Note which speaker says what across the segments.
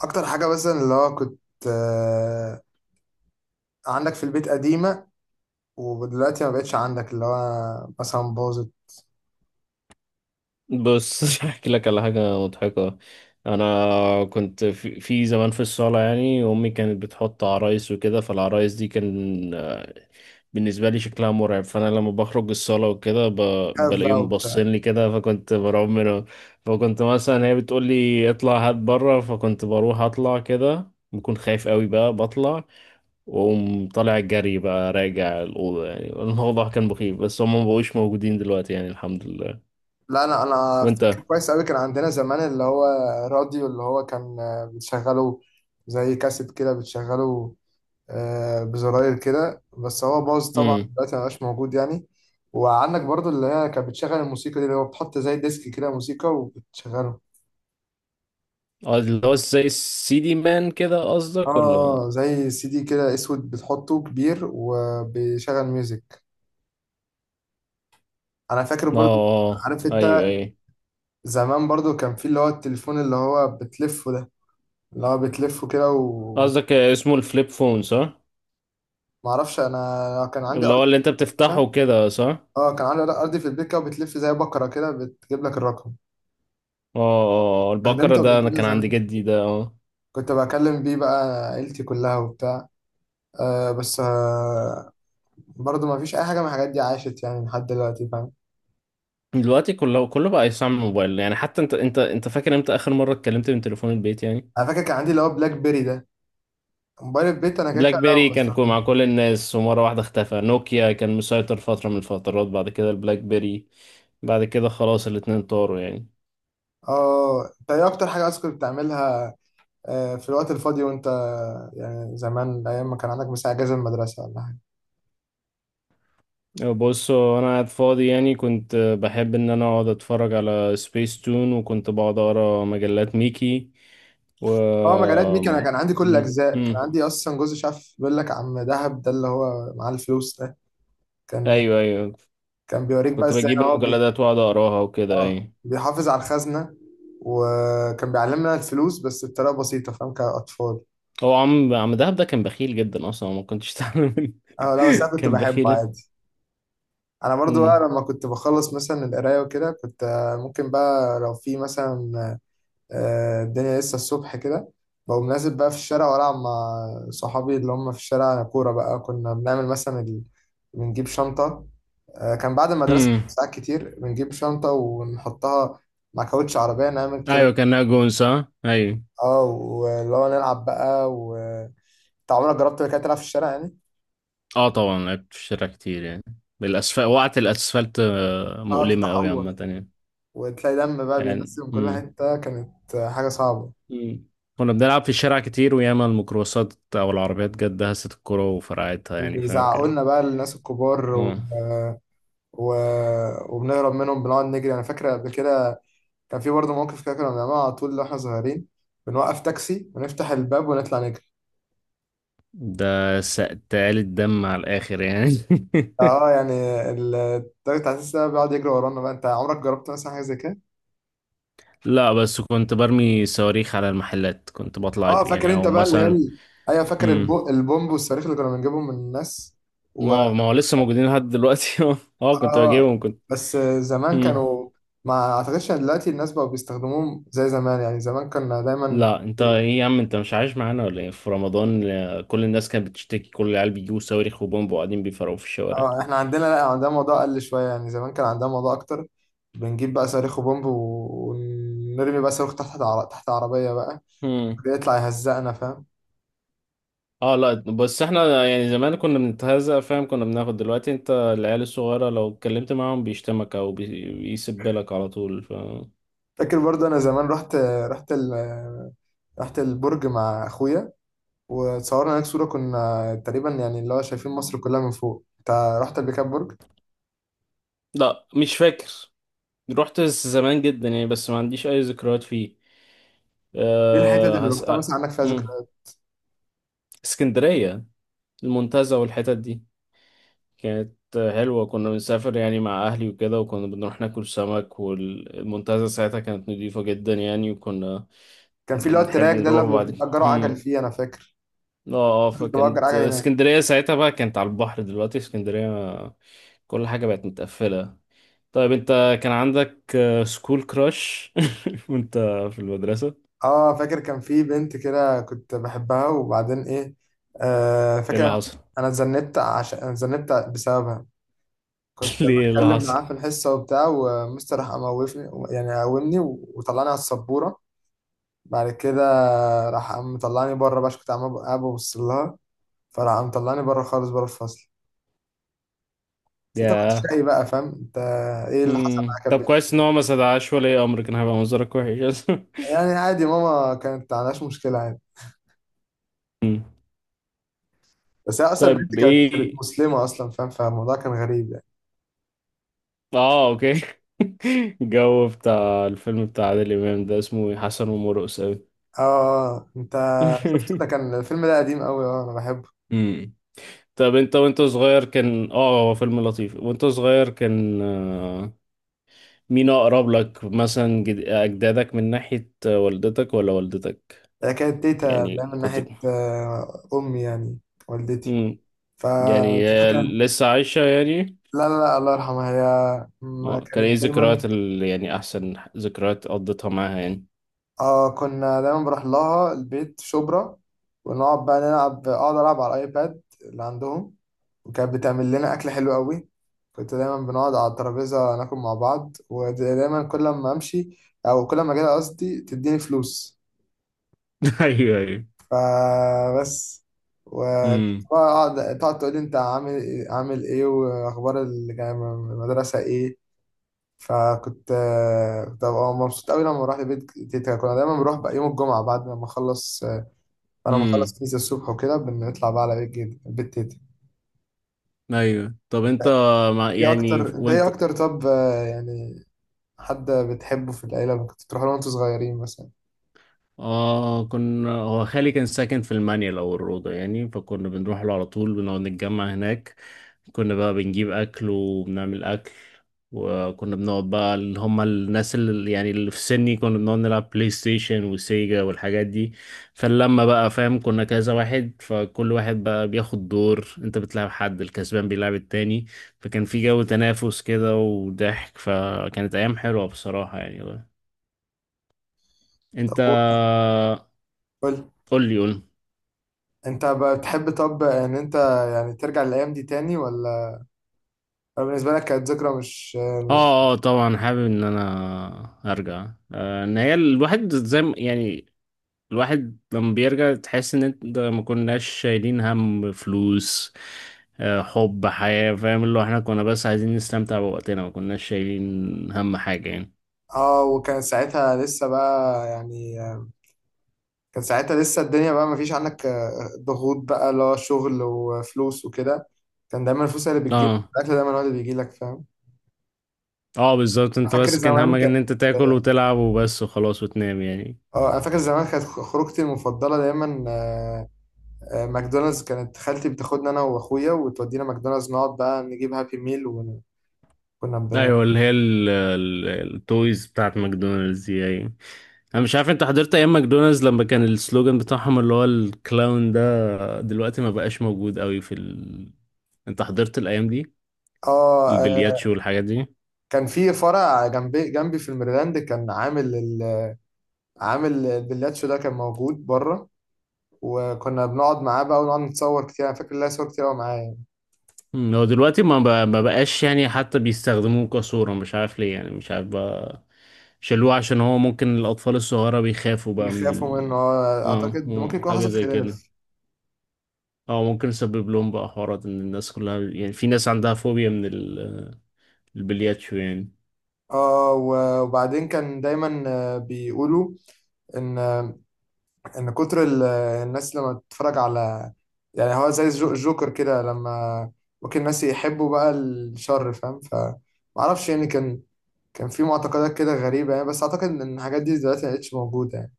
Speaker 1: اكتر حاجه مثلا اللي هو كنت آه، عندك في البيت قديمه، ودلوقتي ما بقتش عندك اللي هو مثلا باظت
Speaker 2: بص، احكي لك على حاجه مضحكه. انا كنت في زمان في الصاله، يعني امي كانت بتحط عرايس وكده، فالعرايس دي كان آه، بالنسبه لي شكلها مرعب، فانا لما بخرج الصاله وكده
Speaker 1: حاف بقى
Speaker 2: بلاقيهم
Speaker 1: وبتاع.
Speaker 2: باصين لي كده، فكنت برعب منهم. فكنت مثلا هي بتقول لي اطلع هات بره، فكنت بروح اطلع كده بكون خايف قوي، بقى بطلع واقوم طالع جري بقى راجع الأوضة، يعني الموضوع كان مخيف، بس هم مبقوش موجودين دلوقتي يعني، الحمد لله.
Speaker 1: لا، انا فاكر
Speaker 2: وانت؟
Speaker 1: كويس قوي، كان عندنا زمان اللي هو راديو اللي هو كان، بتشغله زي كاسيت كده، بتشغله بزراير كده، بس هو باظ طبعا دلوقتي ما بقاش موجود يعني. وعندك برضو اللي هي كانت بتشغل الموسيقى دي، اللي هو بتحط زي ديسك كده موسيقى وبتشغله.
Speaker 2: اه، اللي هو زي السي دي مان كده
Speaker 1: اه
Speaker 2: قصدك ولا؟
Speaker 1: زي CD كده اسود، بتحطه كبير وبيشغل ميوزك. انا فاكر
Speaker 2: اه
Speaker 1: برضو،
Speaker 2: آه،
Speaker 1: عارف انت؟
Speaker 2: ايوه ايوه.
Speaker 1: زمان برضو كان في اللي هو التليفون اللي هو بتلفه ده، اللي هو بتلفه كده.
Speaker 2: قصدك اسمه الفليب فون، صح؟
Speaker 1: ومعرفش، انا كان عندي
Speaker 2: اللي
Speaker 1: ارض
Speaker 2: هو اللي انت
Speaker 1: كده.
Speaker 2: بتفتحه كده، صح؟ اه.
Speaker 1: اه، كان عندي ارض في البيت كده وبتلف زي بكرة كده بتجيب لك الرقم.
Speaker 2: اه آه، البقرة
Speaker 1: استخدمته
Speaker 2: ده
Speaker 1: قبل
Speaker 2: انا
Speaker 1: كده
Speaker 2: كان عند
Speaker 1: زمان،
Speaker 2: جدي ده، اه.
Speaker 1: كنت بكلم بيه بقى عيلتي كلها وبتاع. بس برضو ما فيش اي حاجة من الحاجات دي عاشت يعني لحد دلوقتي، فاهم.
Speaker 2: دلوقتي كله بقى يستعمل موبايل، يعني حتى انت فاكر امتى اخر مرة اتكلمت من تليفون البيت يعني؟
Speaker 1: انا فاكر كان عندي اللي هو بلاك بيري ده، موبايل البيت انا كده
Speaker 2: بلاك
Speaker 1: كده
Speaker 2: بيري
Speaker 1: أنا
Speaker 2: كان
Speaker 1: بستخدمه.
Speaker 2: مع كل الناس، ومرة واحدة اختفى. نوكيا كان مسيطر فترة من الفترات، بعد كده البلاك بيري، بعد كده خلاص الاتنين طاروا يعني.
Speaker 1: اه، انت ايه اكتر حاجه اصلا كنت بتعملها في الوقت الفاضي؟ وانت يعني زمان ايام ما كان عندك مثلا اجازه من المدرسه ولا حاجه؟
Speaker 2: بص، هو انا قاعد فاضي يعني، كنت بحب ان انا اقعد اتفرج على سبيس تون، وكنت بقعد اقرا مجلات ميكي و
Speaker 1: اه مجالات ميكا، انا كان عندي كل الاجزاء، كان
Speaker 2: م.
Speaker 1: عندي اصلا جوز. شاف بيقول لك عم دهب ده اللي هو معاه الفلوس ده، كان
Speaker 2: ايوه ايوه.
Speaker 1: كان بيوريك بقى
Speaker 2: كنت
Speaker 1: ازاي
Speaker 2: بجيب
Speaker 1: إن هو
Speaker 2: المجلدات واقعد اقراها وكده،
Speaker 1: اه
Speaker 2: ايوه.
Speaker 1: بيحافظ على الخزنه، وكان بيعلمنا الفلوس بس بطريقه بسيطه، فاهم، كاطفال.
Speaker 2: هو عم دهب ده كان بخيل جدا، اصلا ما كنتش تعمل منه.
Speaker 1: اه لا، بس انا كنت
Speaker 2: كان
Speaker 1: بحبه
Speaker 2: بخيلة.
Speaker 1: عادي. انا برضو
Speaker 2: م.
Speaker 1: بقى لما كنت بخلص مثلا القرايه وكده، كنت ممكن بقى لو في مثلا الدنيا لسه الصبح كده، بقوم نازل بقى في الشارع والعب مع صحابي اللي هم في الشارع كوره. بقى كنا بنعمل مثلا بنجيب شنطه. كان بعد المدرسه
Speaker 2: م.
Speaker 1: ساعات كتير بنجيب شنطه ونحطها مع كاوتش عربيه نعمل كده.
Speaker 2: ايوه، كان ناجون، صح؟ ايوه.
Speaker 1: اه واللي هو نلعب بقى و انت عمرك جربت كده تلعب في الشارع يعني؟
Speaker 2: اه طبعا، لعبت في الشارع كتير يعني. بالاسفل وقعت الاسفلت، آه،
Speaker 1: اه،
Speaker 2: مؤلمة قوي
Speaker 1: تتعور
Speaker 2: عامة يعني.
Speaker 1: وتلاقي دم بقى
Speaker 2: يعني
Speaker 1: بينزل من كل
Speaker 2: م.
Speaker 1: حته، كانت حاجه صعبه.
Speaker 2: مم. كنا بنلعب في الشارع كتير، وياما الميكروباصات او العربيات جت دهست الكرة وفرقعتها، يعني فاهم
Speaker 1: وبيزعقوا
Speaker 2: كان.
Speaker 1: لنا بقى الناس الكبار
Speaker 2: اه،
Speaker 1: و... وبنهرب منهم، بنقعد نجري. انا فاكر قبل كده كان في برضه موقف كده كنا بنعمله على طول واحنا صغيرين، بنوقف تاكسي ونفتح الباب ونطلع نجري.
Speaker 2: ده سقتال الدم على الاخر يعني.
Speaker 1: اه يعني التاكسي بتاع التاكسي ده بيقعد يجري ورانا بقى. انت عمرك جربت مثلا حاجه زي كده؟
Speaker 2: لا، بس كنت برمي صواريخ على المحلات، كنت بطلع
Speaker 1: اه
Speaker 2: اجري
Speaker 1: فاكر
Speaker 2: يعني،
Speaker 1: انت
Speaker 2: او
Speaker 1: بقى اللي هي
Speaker 2: مثلا.
Speaker 1: ايوه، فاكر
Speaker 2: مم.
Speaker 1: البومب والصاروخ اللي كنا بنجيبهم من الناس و
Speaker 2: ما هو لسه موجودين لحد دلوقتي، اه. آه، كنت
Speaker 1: اه،
Speaker 2: بجيبهم، كنت.
Speaker 1: بس زمان
Speaker 2: مم.
Speaker 1: كانوا، ما اعتقدش ان دلوقتي الناس بقوا بيستخدموهم زي زمان يعني. زمان كنا دايما،
Speaker 2: لا، انت ايه يا عم؟ انت مش عايش معانا ولا ايه؟ في رمضان آه، كل الناس كانت بتشتكي، كل العيال بيجيبوا صواريخ وبومب وقاعدين بيفرقوا في الشوارع.
Speaker 1: اه احنا عندنا، لا عندنا موضوع اقل شويه، يعني زمان كان عندنا موضوع اكتر. بنجيب بقى صاروخ وبومب ونرمي بقى صاروخ تحت تحت عربيه بقى
Speaker 2: مم.
Speaker 1: بيطلع يهزقنا، فاهم.
Speaker 2: اه لا، بس احنا يعني زمان كنا بنتهزأ، فاهم؟ كنا بناخد. دلوقتي انت العيال الصغيرة لو اتكلمت معاهم بيشتمك او بيسبلك على طول، ف...
Speaker 1: فاكر برضو انا زمان رحت، رحت رحت البرج مع اخويا، وتصورنا هناك صوره، كنا تقريبا يعني اللي هو شايفين مصر كلها من فوق. انت رحت قبل كده البرج؟
Speaker 2: لا، مش فاكر. رحت زمان جدا يعني، بس ما عنديش اي ذكريات فيه.
Speaker 1: ايه الحتت
Speaker 2: أه
Speaker 1: اللي
Speaker 2: هس...
Speaker 1: رحتها مثلا
Speaker 2: أه
Speaker 1: عندك فيها
Speaker 2: مم.
Speaker 1: ذكريات؟
Speaker 2: اسكندرية، المنتزه والحتت دي. كانت حلوة، كنا بنسافر يعني مع اهلي وكده، وكنا بنروح ناكل سمك، والمنتزه ساعتها كانت نضيفة جدا يعني، وكنا
Speaker 1: كان في اللي هو
Speaker 2: بنحب
Speaker 1: التراك ده اللي
Speaker 2: نروح. بعد
Speaker 1: بيأجروا عجل فيه، انا فاكر
Speaker 2: اه، اه.
Speaker 1: كنت بأجر
Speaker 2: فكانت
Speaker 1: عجل هناك.
Speaker 2: اسكندرية ساعتها بقى كانت على البحر، دلوقتي اسكندرية آه، كل حاجة بقت متقفلة. طيب انت، كان عندك آه، سكول كراش؟ وانت في المدرسة؟
Speaker 1: اه فاكر كان في بنت كده كنت بحبها، وبعدين ايه، آه
Speaker 2: ايه
Speaker 1: فاكر
Speaker 2: اللي
Speaker 1: انا،
Speaker 2: حصل؟
Speaker 1: أنا اتذنبت، عشان انا اتذنبت بسببها. كنت
Speaker 2: ليه؟ إيه اللي
Speaker 1: بتكلم
Speaker 2: حصل؟
Speaker 1: معاه في الحصه وبتاع، ومستر راح اموفني يعني قومني، وطلعني على السبوره. بعد كده راح قام مطلعني بره بقى عشان كنت عمال قاعد ببص لها، فراح قام مطلعني بره خالص بره الفصل. بس انت كنت
Speaker 2: ياه.
Speaker 1: شقي بقى، فاهم انت. ايه اللي حصل
Speaker 2: مم.
Speaker 1: معاك يا
Speaker 2: طب
Speaker 1: بنت؟
Speaker 2: كويس ان هو ما صدعش ولي امر، كان هيبقى منظرك وحش.
Speaker 1: يعني عادي، ماما كانت ما عندهاش مشكله عادي.
Speaker 2: مم.
Speaker 1: بس هي اصلا البنت
Speaker 2: طيب
Speaker 1: كانت
Speaker 2: ايه؟
Speaker 1: مسلمه اصلا، فاهم، فالموضوع كان غريب.
Speaker 2: اه، اوكي. الجو بتاع الفيلم بتاع عادل امام ده اسمه إيه؟ حسن ومرقص، اوي.
Speaker 1: اه انت شفت ده؟ كان الفيلم ده قديم قوي، اه انا بحبه.
Speaker 2: مم. طب انت وانت صغير، كان اه هو فيلم لطيف، وانت صغير كان آه، مين اقرب لك مثلا اجدادك من ناحية آه، والدتك ولا والدتك؟
Speaker 1: ده كانت تيتا اللي هي
Speaker 2: يعني
Speaker 1: من
Speaker 2: كنت.
Speaker 1: ناحية امي يعني والدتي.
Speaker 2: مم. يعني
Speaker 1: فتيتا
Speaker 2: آه،
Speaker 1: كانت،
Speaker 2: لسه عايشة يعني؟
Speaker 1: لا لا لا الله يرحمها، هي ما
Speaker 2: اه، كان ايه
Speaker 1: كانت دايما.
Speaker 2: ذكريات يعني احسن ذكريات قضيتها معاها يعني؟
Speaker 1: اه كنا دايما بروح لها البيت شبرا، ونقعد بقى نلعب، اقعد العب على الايباد اللي عندهم، وكانت بتعمل لنا اكل حلو قوي. كنت دايما بنقعد على الترابيزة ناكل مع بعض، ودايما كل ما امشي او كل ما اجي لها قصدي تديني فلوس.
Speaker 2: ايوه ايوه.
Speaker 1: فبس،
Speaker 2: امم.
Speaker 1: وتقعد تقول لي انت عامل ايه واخبار المدرسه ايه. فكنت كنت ببقى مبسوط قوي لما بروح البيت تيتا. كنا دايما بنروح بقى يوم الجمعه بعد ما اخلص، انا مخلص
Speaker 2: امم.
Speaker 1: كنيسه الصبح وكده بنطلع بقى على بيت تيتا.
Speaker 2: ايوه، طب انت مع... يعني
Speaker 1: ايه
Speaker 2: وانت.
Speaker 1: اكتر طب يعني حد بتحبه في العيله كنت بتروح له وانتوا صغيرين مثلا؟
Speaker 2: اه، كنا هو خالي كان ساكن في المانيا او الروضه يعني، فكنا بنروح له على طول، بنقعد نتجمع هناك. كنا بقى بنجيب أكل وبنعمل أكل، وكنا بنقعد بقى اللي هما الناس اللي يعني اللي في سني، كنا بنقعد نلعب بلاي ستيشن وسيجا والحاجات دي. فلما بقى فاهم كنا كذا واحد، فكل واحد بقى بياخد دور، انت بتلعب، حد الكسبان بيلعب التاني. فكان في جو تنافس كده وضحك، فكانت أيام حلوة بصراحة يعني. انت،
Speaker 1: طب قول، قول.
Speaker 2: قول لي قول لي.
Speaker 1: انت بقى بتحب طب ان انت يعني ترجع للايام دي تاني، ولا بالنسبه لك كانت ذكرى مش...
Speaker 2: اه اه طبعا، حابب ان انا ارجع. آه، ان هي الواحد زي يعني الواحد لما بيرجع تحس ان انت ده ما كناش شايلين هم فلوس. آه، حب حياة، فاهم؟ اللي هو احنا كنا بس عايزين نستمتع بوقتنا، ما كناش شايلين هم حاجة يعني.
Speaker 1: اه وكان ساعتها لسه بقى يعني، كان ساعتها لسه الدنيا بقى مفيش عنك ضغوط بقى اللي هو شغل وفلوس وكده. كان دايما الفلوس هي اللي بتجيلك،
Speaker 2: اه
Speaker 1: الأكل دايما هو اللي بيجيلك، فاهم.
Speaker 2: اه بالظبط، انت
Speaker 1: فاكر
Speaker 2: بس كان
Speaker 1: زمان
Speaker 2: همك ان
Speaker 1: كانت،
Speaker 2: انت تاكل
Speaker 1: اه
Speaker 2: وتلعب وبس وخلاص وتنام يعني.
Speaker 1: انا فاكر زمان كانت خروجتي المفضله دايما ماكدونالدز. كانت خالتي بتاخدنا انا واخويا وتودينا ماكدونالدز، نقعد بقى نجيب هابي ميل وكنا ب...
Speaker 2: ايوه اللي هي التويز بتاعت ماكدونالدز دي يعني. انا مش عارف انت حضرت ايام ماكدونالدز لما كان السلوجان بتاعهم اللي هو الكلاون ده؟ دلوقتي ما بقاش موجود قوي في ال... انت حضرت الايام دي؟
Speaker 1: اه
Speaker 2: البلياتشو والحاجات دي.
Speaker 1: كان في فرع جنبي في الميرلاند، كان عامل عامل البلاتشو ده، كان موجود بره. وكنا بنقعد معاه بقى ونقعد نتصور كتير، انا فاكر ليا صور كتير قوي معاه يعني.
Speaker 2: مم، هو دلوقتي ما بقاش يعني، حتى بيستخدموه كصورة، مش عارف ليه يعني، مش عارف بقى. شالوه عشان هو ممكن الأطفال الصغيرة بيخافوا بقى من
Speaker 1: بيخافوا منه،
Speaker 2: ال... اه
Speaker 1: اعتقد ممكن
Speaker 2: آه،
Speaker 1: يكون
Speaker 2: حاجة
Speaker 1: حصل
Speaker 2: زي
Speaker 1: خلاف.
Speaker 2: كده. اه ممكن يسبب لهم بقى حوارات، ان الناس كلها يعني، في ناس عندها فوبيا من البلياتشو يعني.
Speaker 1: اه وبعدين كان دايما بيقولوا ان ان كتر الناس لما تتفرج على، يعني هو زي الجوكر كده، لما ممكن الناس يحبوا بقى الشر، فاهم. ف ما اعرفش يعني، كان في معتقدات كده غريبة يعني، بس اعتقد ان الحاجات دي دلوقتي ما بقتش موجودة يعني.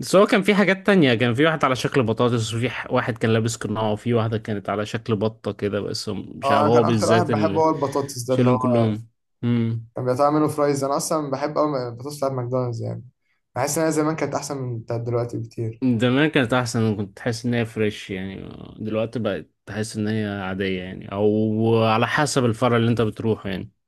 Speaker 2: بس هو كان في حاجات تانية، كان في واحد على شكل بطاطس، وفي واحد كان لابس قناع، وفي واحدة كانت على شكل بطة كده، بس مش
Speaker 1: اه،
Speaker 2: عارف
Speaker 1: انا كان
Speaker 2: هو
Speaker 1: اكتر واحد
Speaker 2: بالذات
Speaker 1: بحبه
Speaker 2: اللي
Speaker 1: هو البطاطس ده، اللي هو
Speaker 2: شالهم كلهم.
Speaker 1: كان بيقطع منه فرايز. انا اصلا بحب قوي البطاطس بتاعت ماكدونالدز يعني، بحس انها زمان كانت احسن من بتاعت دلوقتي بكتير.
Speaker 2: زمان كانت احسن، كنت تحس ان هي فريش يعني. دلوقتي بقت تحس ان هي عادية يعني، او على حسب الفرع اللي انت بتروحه يعني.